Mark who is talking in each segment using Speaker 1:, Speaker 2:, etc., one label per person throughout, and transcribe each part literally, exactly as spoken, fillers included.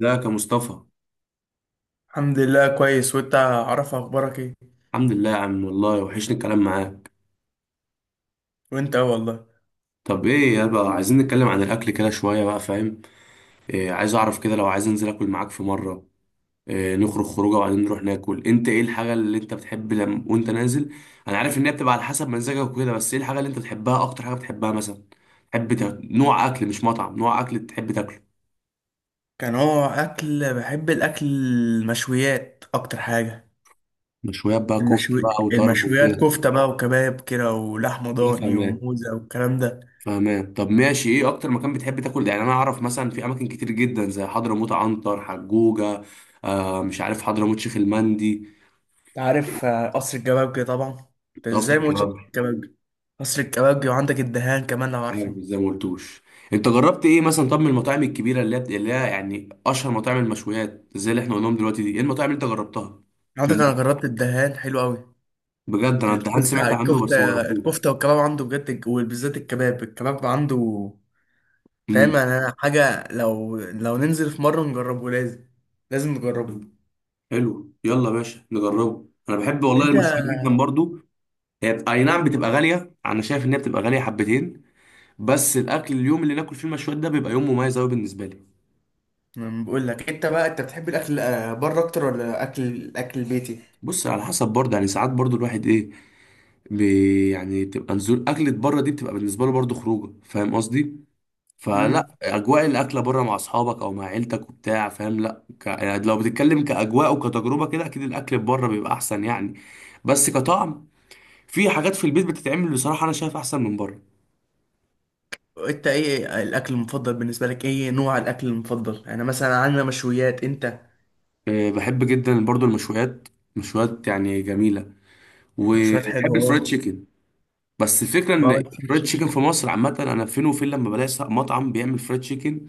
Speaker 1: ازيك يا مصطفى؟
Speaker 2: الحمد لله كويس، وانت عارف اخبارك ايه؟
Speaker 1: الحمد لله يا عم، والله وحشني الكلام معاك.
Speaker 2: وانت اه والله.
Speaker 1: طب ايه يا بقى، عايزين نتكلم عن الاكل كده شويه بقى، فاهم؟ إيه، عايز اعرف كده لو عايز انزل اكل معاك في مره. إيه، نخرج خروجه وبعدين نروح ناكل، انت ايه الحاجه اللي انت بتحب لما وانت نازل؟ انا عارف ان هي بتبقى على حسب مزاجك وكده، بس ايه الحاجه اللي انت بتحبها، اكتر حاجه بتحبها مثلا؟ تحب تا... نوع اكل، مش مطعم، نوع اكل تحب تاكله.
Speaker 2: كان هو اكل بحب الاكل المشويات اكتر حاجه.
Speaker 1: مشويات بقى، كفته
Speaker 2: المشوي
Speaker 1: بقى وطرب
Speaker 2: المشويات
Speaker 1: وكده.
Speaker 2: كفته بقى وكباب كده، ولحمه
Speaker 1: كده،
Speaker 2: ضاني
Speaker 1: فاهم.
Speaker 2: وموزه والكلام ده.
Speaker 1: فاهمان. طب ماشي، ايه اكتر مكان بتحب تاكل؟ يعني انا اعرف مثلا في اماكن كتير جدا زي حضرموت، عنتر، حجوجه. آه، مش عارف، حضرموت، شيخ المندي.
Speaker 2: انت عارف، آه، قصر الكبابجي طبعا. انت
Speaker 1: قصر
Speaker 2: ازاي ما قلتش قصر
Speaker 1: الكباب.
Speaker 2: الكبابجي؟ قصر الكبابجي، وعندك الدهان كمان لو
Speaker 1: عارف
Speaker 2: عارفه.
Speaker 1: زي ما قلتوش. انت جربت ايه مثلا؟ طب من المطاعم الكبيره اللي هي بت- اللي هي يعني اشهر مطاعم المشويات زي اللي احنا قلناهم دلوقتي دي، ايه المطاعم اللي انت جربتها؟
Speaker 2: عندك
Speaker 1: من؟
Speaker 2: انا جربت الدهان، حلو قوي.
Speaker 1: بجد، انا الدهان
Speaker 2: الكفته
Speaker 1: سمعت عنه بس ما
Speaker 2: الكفته
Speaker 1: جربتوش.
Speaker 2: الكفته والكباب عنده بجد، وبالذات الكباب الكباب عنده. فاهم؟
Speaker 1: امم.
Speaker 2: يعني انا حاجه، لو لو ننزل في مره نجربه لازم. لازم نجربه.
Speaker 1: حلو، يلا يا باشا نجربه، انا بحب والله
Speaker 2: انت
Speaker 1: المشويات
Speaker 2: أنا.
Speaker 1: جدا برضو. هي بت- اي نعم بتبقى غاليه، انا شايف ان هي بتبقى غاليه حبتين. بس الاكل، اليوم اللي ناكل فيه المشويات ده بيبقى يوم مميز قوي بالنسبه لي.
Speaker 2: بقول لك، انت بقى انت بتحب الاكل، آه، بره اكتر ولا اكل الاكل البيتي؟
Speaker 1: بص، على حسب برضه، يعني ساعات برضه الواحد ايه. بي يعني تبقى نزول اكلة بره دي بتبقى بالنسبه له برضه خروجه، فاهم قصدي.
Speaker 2: امم.
Speaker 1: فلا اجواء الاكله بره مع اصحابك او مع عيلتك وبتاع، فاهم؟ لا ك... يعني لو بتتكلم كاجواء وكتجربه كده اكيد الاكل بره بيبقى احسن يعني. بس كطعم، في حاجات في البيت بتتعمل بصراحه انا شايف احسن من بره.
Speaker 2: انت ايه الاكل المفضل بالنسبه لك؟ ايه نوع الاكل المفضل؟ انا مثلا عندنا مشويات، انت؟
Speaker 1: أه، بحب جدا برضه المشويات. مشويات يعني، جميله.
Speaker 2: مشويات حلوه
Speaker 1: وبحب الفرايد
Speaker 2: اه.
Speaker 1: تشيكن. بس الفكره ان
Speaker 2: بقى أنت فود
Speaker 1: الفرايد تشيكن
Speaker 2: تشيكن.
Speaker 1: في مصر عامه، انا فين وفين لما بلاقي س- مطعم بيعمل فرايد تشيكن.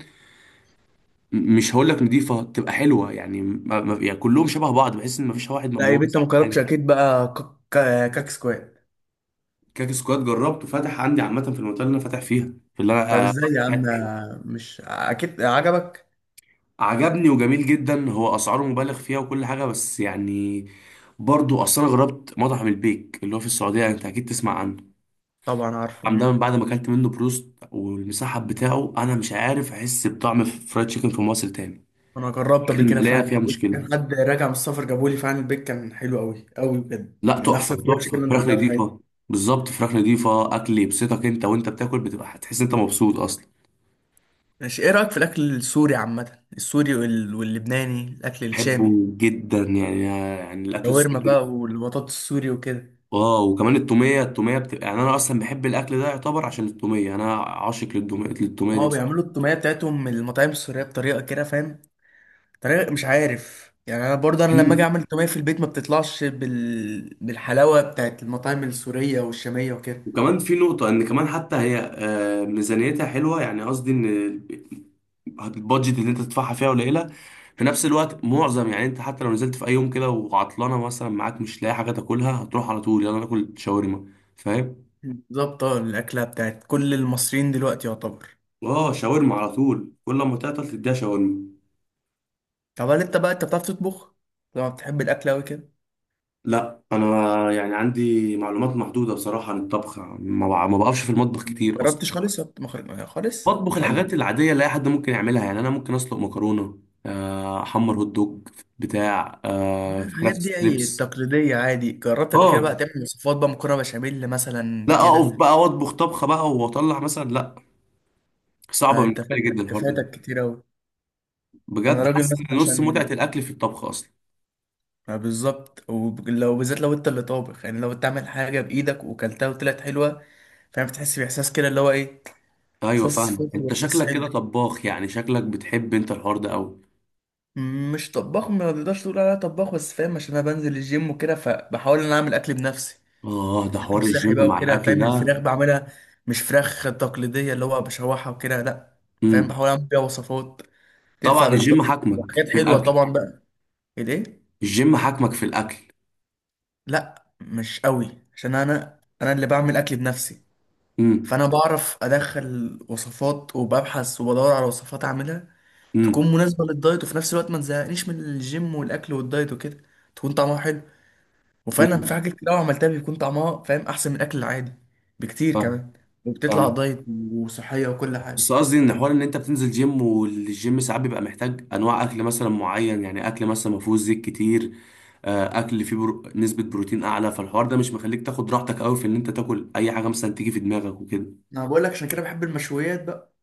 Speaker 1: م- مش هقول لك نضيفه تبقى حلوه، يعني ما ما- يعني كلهم شبه بعض، بحس ان مفيش واحد
Speaker 2: لا يبقى
Speaker 1: مميز
Speaker 2: انت
Speaker 1: عن
Speaker 2: ما جربتش
Speaker 1: التاني.
Speaker 2: اكيد بقى كك- كاك سكوات.
Speaker 1: كاك سكواد جربته، فتح عندي عامه في المنطقه اللي انا فاتح فيها. في اللي
Speaker 2: طب
Speaker 1: انا آه،
Speaker 2: ازاي يا عم؟
Speaker 1: قاعد فيها.
Speaker 2: مش اكيد عجبك؟
Speaker 1: عجبني وجميل جدا، هو اسعاره مبالغ فيها وكل حاجه، بس يعني برضو اصل انا جربت مطعم البيك اللي هو في السعوديه، انت اكيد تسمع عنه.
Speaker 2: طبعا
Speaker 1: المطعم
Speaker 2: عارفه.
Speaker 1: ده من بعد ما اكلت منه بروست والمسحب بتاعه، انا مش عارف احس بطعم فرايد تشيكن في مصر تاني.
Speaker 2: انا جربت
Speaker 1: في
Speaker 2: قبل كده
Speaker 1: المقلايه
Speaker 2: فعلا
Speaker 1: فيها
Speaker 2: البيك، كان
Speaker 1: مشكله.
Speaker 2: حد راجع من السفر جابولي، فعلا البيك كان حلو قوي قوي بجد،
Speaker 1: لا،
Speaker 2: من احسن
Speaker 1: تحفه
Speaker 2: فرايد تشيكن
Speaker 1: تحفه،
Speaker 2: اللي أنا
Speaker 1: فراخ
Speaker 2: دوقتها في حياتي.
Speaker 1: نضيفه. بالظبط، فراخ نضيفه، اكل يبسطك انت وانت بتاكل، بتبقى هتحس انت مبسوط اصلا.
Speaker 2: ماشي، ايه رايك في الاكل السوري عامه، السوري وال- واللبناني، الاكل
Speaker 1: بحبه
Speaker 2: الشامي؟
Speaker 1: جدا يعني يعني الاكل
Speaker 2: شاورما
Speaker 1: السوري.
Speaker 2: بقى والبطاطس السوري وكده.
Speaker 1: اه، وكمان التوميه التوميه بتبقى يعني، انا اصلا بحب الاكل ده يعتبر عشان التوميه، انا عاشق للتوميه للتوميه
Speaker 2: اه
Speaker 1: دي.
Speaker 2: بيعملوا التوميه بتاعتهم من المطاعم السوريه بطريقه كده، فاهم؟ طريقه مش عارف يعني، انا برضه انا لما اجي
Speaker 1: بصراحه
Speaker 2: اعمل التوميه في البيت ما بتطلعش بال... بالحلاوه بتاعت المطاعم السوريه والشاميه وكده.
Speaker 1: وكمان في نقطة إن كمان حتى هي آه، ميزانيتها حلوة، يعني قصدي إن البادجت اللي أنت تدفعها فيها قليلة. في نفس الوقت معظم يعني، أنت حتى لو نزلت في أي يوم كده وعطلانة مثلا معاك مش لاقي حاجة تاكلها، هتروح على طول، يلا ناكل شاورما. فاهم؟
Speaker 2: بالظبط اه، الاكله بتاعت كل المصريين دلوقتي يعتبر.
Speaker 1: آه، شاورما على طول، كل ما تعطل تديها شاورما.
Speaker 2: طب هل انت بقى انت بتعرف تطبخ؟ لو بتحب الاكل قوي كده.
Speaker 1: لا أنا يعني عندي معلومات محدودة بصراحة عن الطبخ، ما بع- ما بقفش في المطبخ كتير أصلا.
Speaker 2: جربتش خالص ولا مخ- ما- خالص؟
Speaker 1: بطبخ الحاجات
Speaker 2: ولا.
Speaker 1: العادية اللي أي حد ممكن يعملها، يعني أنا ممكن أسلق مكرونة، آه، أحمر هوت دوج، بتاع
Speaker 2: لا،
Speaker 1: آه، فراخ
Speaker 2: الحاجات دي اي
Speaker 1: ستريبس.
Speaker 2: تقليدية عادي. جربت قبل كده بقى
Speaker 1: آه،
Speaker 2: تعمل وصفات بقى، مكرونة بشاميل مثلا
Speaker 1: لا أقف
Speaker 2: كده؟
Speaker 1: بقى وأطبخ طبخة بقى وأطلع مثلا، لا. صعبة
Speaker 2: آه، انت
Speaker 1: بالنسبة لي جدا
Speaker 2: فاتك
Speaker 1: الحوار ده.
Speaker 2: كفايتك كتير اوي. انا
Speaker 1: بجد
Speaker 2: راجل
Speaker 1: حاسس
Speaker 2: مثلا
Speaker 1: إن نص
Speaker 2: عشان.
Speaker 1: متعة الأكل في الطبخ أصلا.
Speaker 2: آه، بالظبط، ولو بالذات لو انت اللي طابخ، يعني لو بتعمل حاجة بايدك وكلتها وطلعت حلوة. فاهم؟ بتحس باحساس كده اللي هو ايه.
Speaker 1: أيوة
Speaker 2: احساس
Speaker 1: فاهمة،
Speaker 2: فخر
Speaker 1: أنت
Speaker 2: واحساس
Speaker 1: شكلك كده
Speaker 2: حلو.
Speaker 1: طباخ يعني، شكلك بتحب أنت الحوار ده أوي.
Speaker 2: مش طباخ، ما تقدرش تقول عليا طباخ، بس فاهم عشان انا بنزل الجيم وكده، فبحاول ان انا اعمل اكل بنفسي.
Speaker 1: آه، ده حوار
Speaker 2: اكل
Speaker 1: الجيم
Speaker 2: صحي بقى
Speaker 1: مع
Speaker 2: وكده،
Speaker 1: الأكل
Speaker 2: فاهم؟
Speaker 1: ده.
Speaker 2: الفراخ بعملها. مش فراخ تقليديه اللي هو بشوحها وكده، لا. فاهم؟
Speaker 1: مم.
Speaker 2: بحاول اعمل بيها وصفات
Speaker 1: طبعا
Speaker 2: تنفع
Speaker 1: الجيم
Speaker 2: للدايت
Speaker 1: حاكمك
Speaker 2: وحاجات
Speaker 1: في
Speaker 2: حلوه
Speaker 1: الأكل.
Speaker 2: طبعا بقى. ايه.
Speaker 1: الجيم حاكمك في الأكل.
Speaker 2: لا مش قوي، عشان انا انا اللي بعمل اكل بنفسي.
Speaker 1: امم.
Speaker 2: فانا بعرف ادخل وصفات، وببحث وبدور على وصفات اعملها
Speaker 1: امم.
Speaker 2: تكون مناسبه للدايت، وفي نفس الوقت ما تزهقنيش من الجيم والاكل والدايت وكده. تكون طعمها حلو. وفعلا في
Speaker 1: امم.
Speaker 2: حاجات كتير قوي عملتها بيكون طعمها، فاهم، احسن من الاكل العادي. بكتير
Speaker 1: فاهم.
Speaker 2: كمان. وبتطلع
Speaker 1: فاهم.
Speaker 2: دايت. وصحيه وكل حاجه.
Speaker 1: بس قصدي ان حوار ان انت بتنزل جيم، والجيم ساعات بيبقى محتاج انواع اكل مثلا معين، يعني اكل مثلا ما فيهوش زيت كتير. آه، اكل فيه برو... نسبة بروتين اعلى، فالحوار ده مش مخليك تاخد راحتك قوي في ان انت تاكل اي حاجة مثلا تيجي في دماغك وكده.
Speaker 2: انا بقول لك عشان كده بحب المشويات بقى.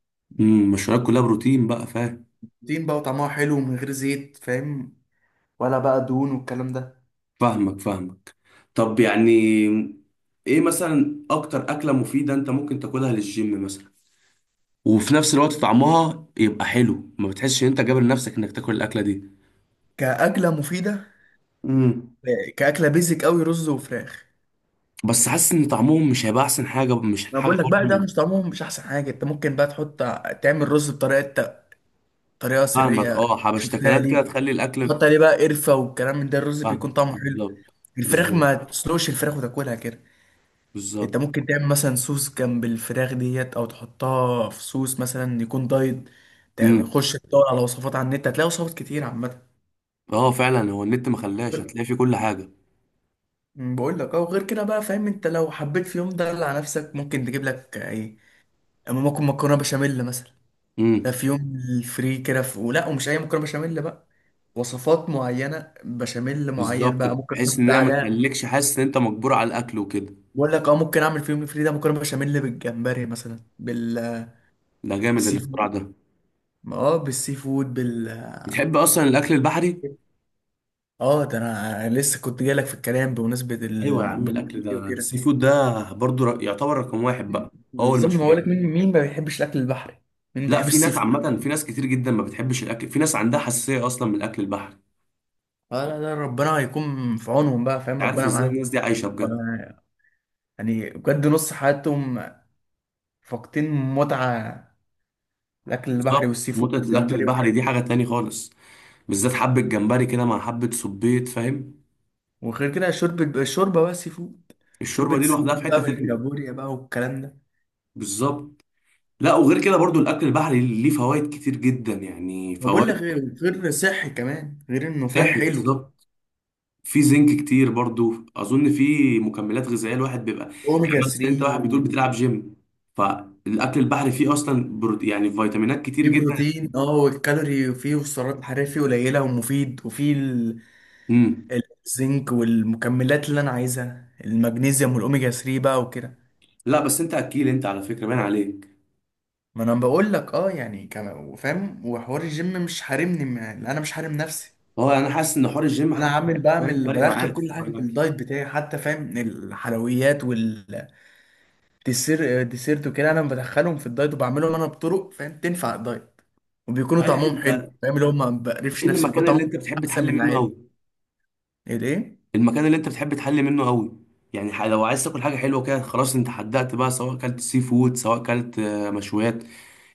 Speaker 1: امم المشويات كلها بروتين بقى، فاهم.
Speaker 2: دين بقى وطعمها حلو ومن غير زيت، فاهم؟ ولا بقى دهون والكلام ده.
Speaker 1: فاهمك، فاهمك. طب يعني، ايه مثلا اكتر اكلة مفيدة انت ممكن تاكلها للجيم مثلا؟ وفي نفس الوقت طعمها يبقى حلو، ما بتحسش ان انت جابر نفسك انك تاكل الاكلة دي.
Speaker 2: كاكله مفيده.
Speaker 1: امم.
Speaker 2: كاكله بيزك قوي، رز وفراخ.
Speaker 1: بس حاسس ان طعمهم مش هيبقى احسن حاجه، مش
Speaker 2: انا
Speaker 1: الحاجه
Speaker 2: بقول لك
Speaker 1: برضه
Speaker 2: بقى، ده
Speaker 1: اللي-
Speaker 2: مش طعمهم مش احسن حاجه. انت ممكن بقى تحط، تعمل رز بطريقه، طريقه
Speaker 1: فاهمك،
Speaker 2: سريه
Speaker 1: اه،
Speaker 2: شفتها
Speaker 1: حبشتكنات كده
Speaker 2: ليك.
Speaker 1: تخلي الاكل.
Speaker 2: تحط عليه بقى قرفه والكلام من ده، الرز بيكون
Speaker 1: فاهم،
Speaker 2: طعمه حلو.
Speaker 1: بالظبط.
Speaker 2: الفراخ،
Speaker 1: بالظبط.
Speaker 2: ما تسلقش الفراخ وتاكلها كده. انت
Speaker 1: بالظبط.
Speaker 2: ممكن تعمل مثلا صوص جنب الفراخ ديت، او تحطها في صوص مثلا يكون دايت.
Speaker 1: امم.
Speaker 2: تخش تدور على وصفات على النت، هتلاقي وصفات كتير عامه.
Speaker 1: اه، فعلا، هو النت ما خلاش، هتلاقي فيه كل حاجه.
Speaker 2: أمم، بقول لك اه، وغير كده بقى فاهم، انت لو حبيت في يوم ده على نفسك ممكن تجيب لك ايه؟ اما ممكن مكرونه بشاميل مثلا. ده
Speaker 1: امم.
Speaker 2: في يوم الفري كده، في... ولا، ومش اي مكرونه بشاميل بقى، وصفات معينه بشاميل معين
Speaker 1: بالظبط،
Speaker 2: بقى ممكن
Speaker 1: بحيث
Speaker 2: احط
Speaker 1: ان هي ما
Speaker 2: عليها.
Speaker 1: تخليكش حاسس ان انت مجبور على الاكل وكده.
Speaker 2: بقول لك اه، ممكن اعمل في يوم الفري ده مكرونه بشاميل بالجمبري مثلا، بالسي
Speaker 1: ده جامد الاختراع
Speaker 2: فود.
Speaker 1: ده.
Speaker 2: اه بالسي فود بال
Speaker 1: بتحب اصلا الاكل البحري؟
Speaker 2: اه ده انا لسه كنت جايلك في الكلام بمناسبه
Speaker 1: ايوه يا عم، الاكل
Speaker 2: ال
Speaker 1: ده،
Speaker 2: وكده.
Speaker 1: السي فود ده برضه ر- يعتبر رقم واحد بقى. هو
Speaker 2: بالظبط، ما
Speaker 1: المشويات.
Speaker 2: بقولك مين مين ما بيحبش الاكل البحري؟ مين
Speaker 1: لا،
Speaker 2: بيحب
Speaker 1: في
Speaker 2: السي
Speaker 1: ناس
Speaker 2: فود؟
Speaker 1: عامه، في ناس كتير جدا ما بتحبش الاكل، في ناس عندها حساسيه اصلا من الاكل البحري.
Speaker 2: اه لا لا، ربنا هيكون في عونهم بقى، فاهم؟
Speaker 1: عارف
Speaker 2: ربنا
Speaker 1: ازاي
Speaker 2: معاهم.
Speaker 1: الناس دي عايشه
Speaker 2: ف-
Speaker 1: بجد؟
Speaker 2: يعني بجد نص حياتهم فاقدين متعه الاكل البحري
Speaker 1: بالظبط،
Speaker 2: والسي فود
Speaker 1: متعه الاكل
Speaker 2: والجمبري
Speaker 1: البحري
Speaker 2: وكده.
Speaker 1: دي حاجه تاني خالص. بالذات حبه جمبري كده مع حبه صبيط، فاهم.
Speaker 2: وغير كده شوربه الشوربه بقى سي فود. شوربه
Speaker 1: الشوربه دي
Speaker 2: السي فود
Speaker 1: لوحدها في
Speaker 2: بقى،
Speaker 1: حته تاني.
Speaker 2: بالكابوريا بقى والكلام ده.
Speaker 1: بالظبط. لا، وغير كده برضو الاكل البحري ليه فوائد كتير جدا، يعني
Speaker 2: ما بقول لك،
Speaker 1: فوائد.
Speaker 2: غير غير صحي كمان، غير انه فاهم
Speaker 1: صحي،
Speaker 2: حلو.
Speaker 1: بالظبط. في زنك كتير برضو، اظن في مكملات غذائيه الواحد بيبقى، يعني
Speaker 2: اوميجا
Speaker 1: مثلا انت واحد بتقول بتلعب
Speaker 2: ثلاثة.
Speaker 1: جيم، فالاكل البحري فيه اصلا برو... يعني فيتامينات كتير
Speaker 2: فيه
Speaker 1: جدا.
Speaker 2: بروتين اه، والكالوري فيه والسعرات الحرارية فيه قليلة ومفيد، وفيه ال-
Speaker 1: امم.
Speaker 2: الزنك والمكملات اللي انا عايزها، المغنيسيوم والاوميجا ثلاثة بقى وكده.
Speaker 1: لا، بس انت اكيل، انت على فكره باين عليك.
Speaker 2: ما انا بقول لك اه، يعني كان فاهم، وحوار الجيم مش حارمني، ما- يعني انا مش حارم نفسي.
Speaker 1: هو انا حاسس ان حوار الجيم
Speaker 2: انا
Speaker 1: حتى
Speaker 2: عامل
Speaker 1: يعني، فاهم،
Speaker 2: بعمل
Speaker 1: فارق
Speaker 2: بدخل
Speaker 1: معاك في
Speaker 2: كل
Speaker 1: حوار
Speaker 2: حاجه في
Speaker 1: الاكل.
Speaker 2: الدايت بتاعي، حتى فاهم الحلويات والديسير ديسيرت وكده، انا بدخلهم في الدايت، وبعملهم انا بطرق فاهم تنفع الدايت، وبيكونوا
Speaker 1: صحيح
Speaker 2: طعمهم حلو،
Speaker 1: انت،
Speaker 2: فاهم، اللي هم ما بقرفش
Speaker 1: ايه
Speaker 2: نفسي بيكون
Speaker 1: المكان اللي
Speaker 2: طعمهم
Speaker 1: انت بتحب
Speaker 2: احسن
Speaker 1: تحل
Speaker 2: من
Speaker 1: منه
Speaker 2: العادي.
Speaker 1: قوي؟
Speaker 2: ايه ده؟
Speaker 1: المكان اللي انت بتحب تحل منه قوي، يعني ح- لو عايز تاكل حاجه حلوه كده، خلاص انت حددت بقى، سواء اكلت سي فود سواء اكلت آه، مشويات.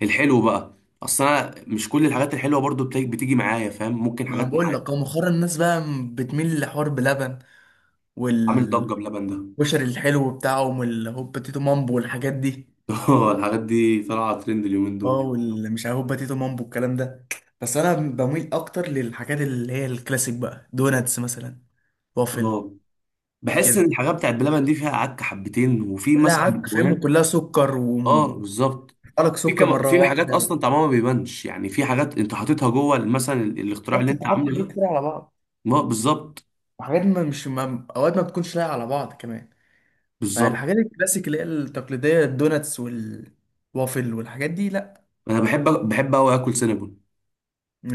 Speaker 1: الحلو بقى، اصل انا مش كل الحاجات الحلوه برضو بت- بتيجي معايا، فاهم، ممكن
Speaker 2: ما انا
Speaker 1: حاجات
Speaker 2: بقول
Speaker 1: معينه.
Speaker 2: لك، هو مؤخرا الناس بقى م- بتميل لحوار بلبن
Speaker 1: عامل ضجه
Speaker 2: والكشري،
Speaker 1: بلبن ده.
Speaker 2: الحلو بتاعهم، والهوبا تيتو مامبو والحاجات دي.
Speaker 1: اه، الحاجات دي طالعه ترند اليومين
Speaker 2: اه،
Speaker 1: دول.
Speaker 2: واللي مش عارف هوبا تيتو مامبو الكلام ده، بس انا بميل اكتر للحاجات اللي هي الكلاسيك بقى، دوناتس مثلا، وافل
Speaker 1: اه، بحس ان
Speaker 2: كده.
Speaker 1: الحاجات بتاعت بلبن دي فيها عك حبتين، وفي
Speaker 2: كلها
Speaker 1: مثلا
Speaker 2: عك فاهم،
Speaker 1: مكونات.
Speaker 2: وكلها سكر،
Speaker 1: اه،
Speaker 2: وقالك
Speaker 1: بالظبط. في
Speaker 2: سكر
Speaker 1: كم،
Speaker 2: مره
Speaker 1: في حاجات
Speaker 2: واحده.
Speaker 1: اصلا طعمها ما بيبانش، يعني في حاجات انت حاططها جوه مثلا ال- الاختراع اللي
Speaker 2: بالظبط، انت
Speaker 1: انت
Speaker 2: حاطط
Speaker 1: عامله
Speaker 2: حاجات
Speaker 1: ده.
Speaker 2: كتير على بعض،
Speaker 1: ما بالظبط.
Speaker 2: وحاجات ما مش ما اوقات ما بتكونش لايقه على بعض كمان.
Speaker 1: بالظبط.
Speaker 2: فالحاجات الكلاسيك اللي هي التقليديه، الدوناتس وال وافل والحاجات دي، لا.
Speaker 1: انا بحب بحب قوي اكل سينابون.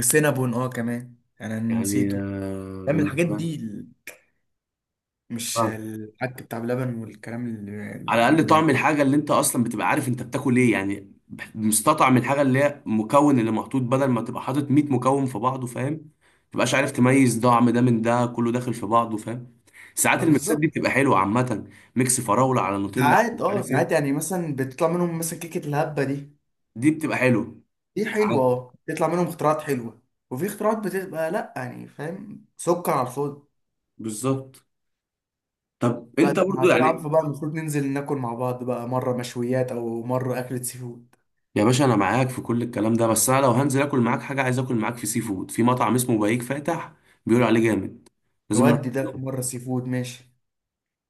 Speaker 2: سينابون اه كمان، يعني انا
Speaker 1: يعني
Speaker 2: نسيته.
Speaker 1: آه،
Speaker 2: فاهم الحاجات
Speaker 1: بالنسبه لي
Speaker 2: دي ال- مش
Speaker 1: فعلا،
Speaker 2: الحاجات بتاع بلبن والكلام اللي
Speaker 1: على
Speaker 2: اللي
Speaker 1: الاقل طعم
Speaker 2: بيعمل.
Speaker 1: الحاجه اللي انت اصلا بتبقى عارف انت بتاكل ايه، يعني بح- مستطعم الحاجه اللي هي المكون اللي محطوط، بدل ما تبقى حاطط مية مكون في بعضه، فاهم، ما تبقاش عارف تميز طعم ده من ده، كله داخل في بعضه، فاهم. ساعات
Speaker 2: ما
Speaker 1: الميكسات دي
Speaker 2: بالظبط.
Speaker 1: بتبقى حلوه عامه، ميكس فراوله على نوتيلا على
Speaker 2: ساعات
Speaker 1: مش
Speaker 2: اه
Speaker 1: عارف
Speaker 2: ساعات
Speaker 1: ايه.
Speaker 2: يعني مثلا بتطلع منهم مثلا كيكة الهبة دي.
Speaker 1: دي بتبقى حلوه.
Speaker 2: دي حلوة اه، بتطلع منهم اختراعات حلوة، وفي اختراعات بتبقى لا، يعني فاهم سكر على الفاضي.
Speaker 1: بالظبط. طب
Speaker 2: لا
Speaker 1: انت
Speaker 2: ده احنا
Speaker 1: برضو
Speaker 2: كده
Speaker 1: يعني،
Speaker 2: عارفه بقى، المفروض ننزل ناكل مع بعض بقى، مرة مشويات او مرة أكلة سي فود.
Speaker 1: يا باشا انا معاك في كل الكلام ده، بس انا لو هنزل اكل معاك حاجه عايز اكل معاك في سي فود، في مطعم اسمه بهيج فاتح، بيقولوا عليه جامد، لازم نروح
Speaker 2: نودي ده في
Speaker 1: نجربه.
Speaker 2: مرة سي فود، ماشي.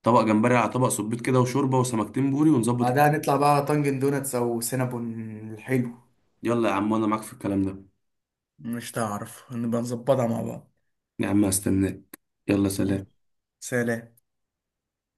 Speaker 1: طبق جمبري على طبق صبيط كده، وشوربه وسمكتين بوري، ونظبط
Speaker 2: بعدها
Speaker 1: الكلام.
Speaker 2: نطلع بقى على طنجن دوناتس او سينابون الحلو.
Speaker 1: يلا يا عم، انا معاك في الكلام ده.
Speaker 2: مش تعرف نبقى نظبطها مع بعض.
Speaker 1: يا عم هستناك. يلا
Speaker 2: ماشي.
Speaker 1: سلام.
Speaker 2: سلام.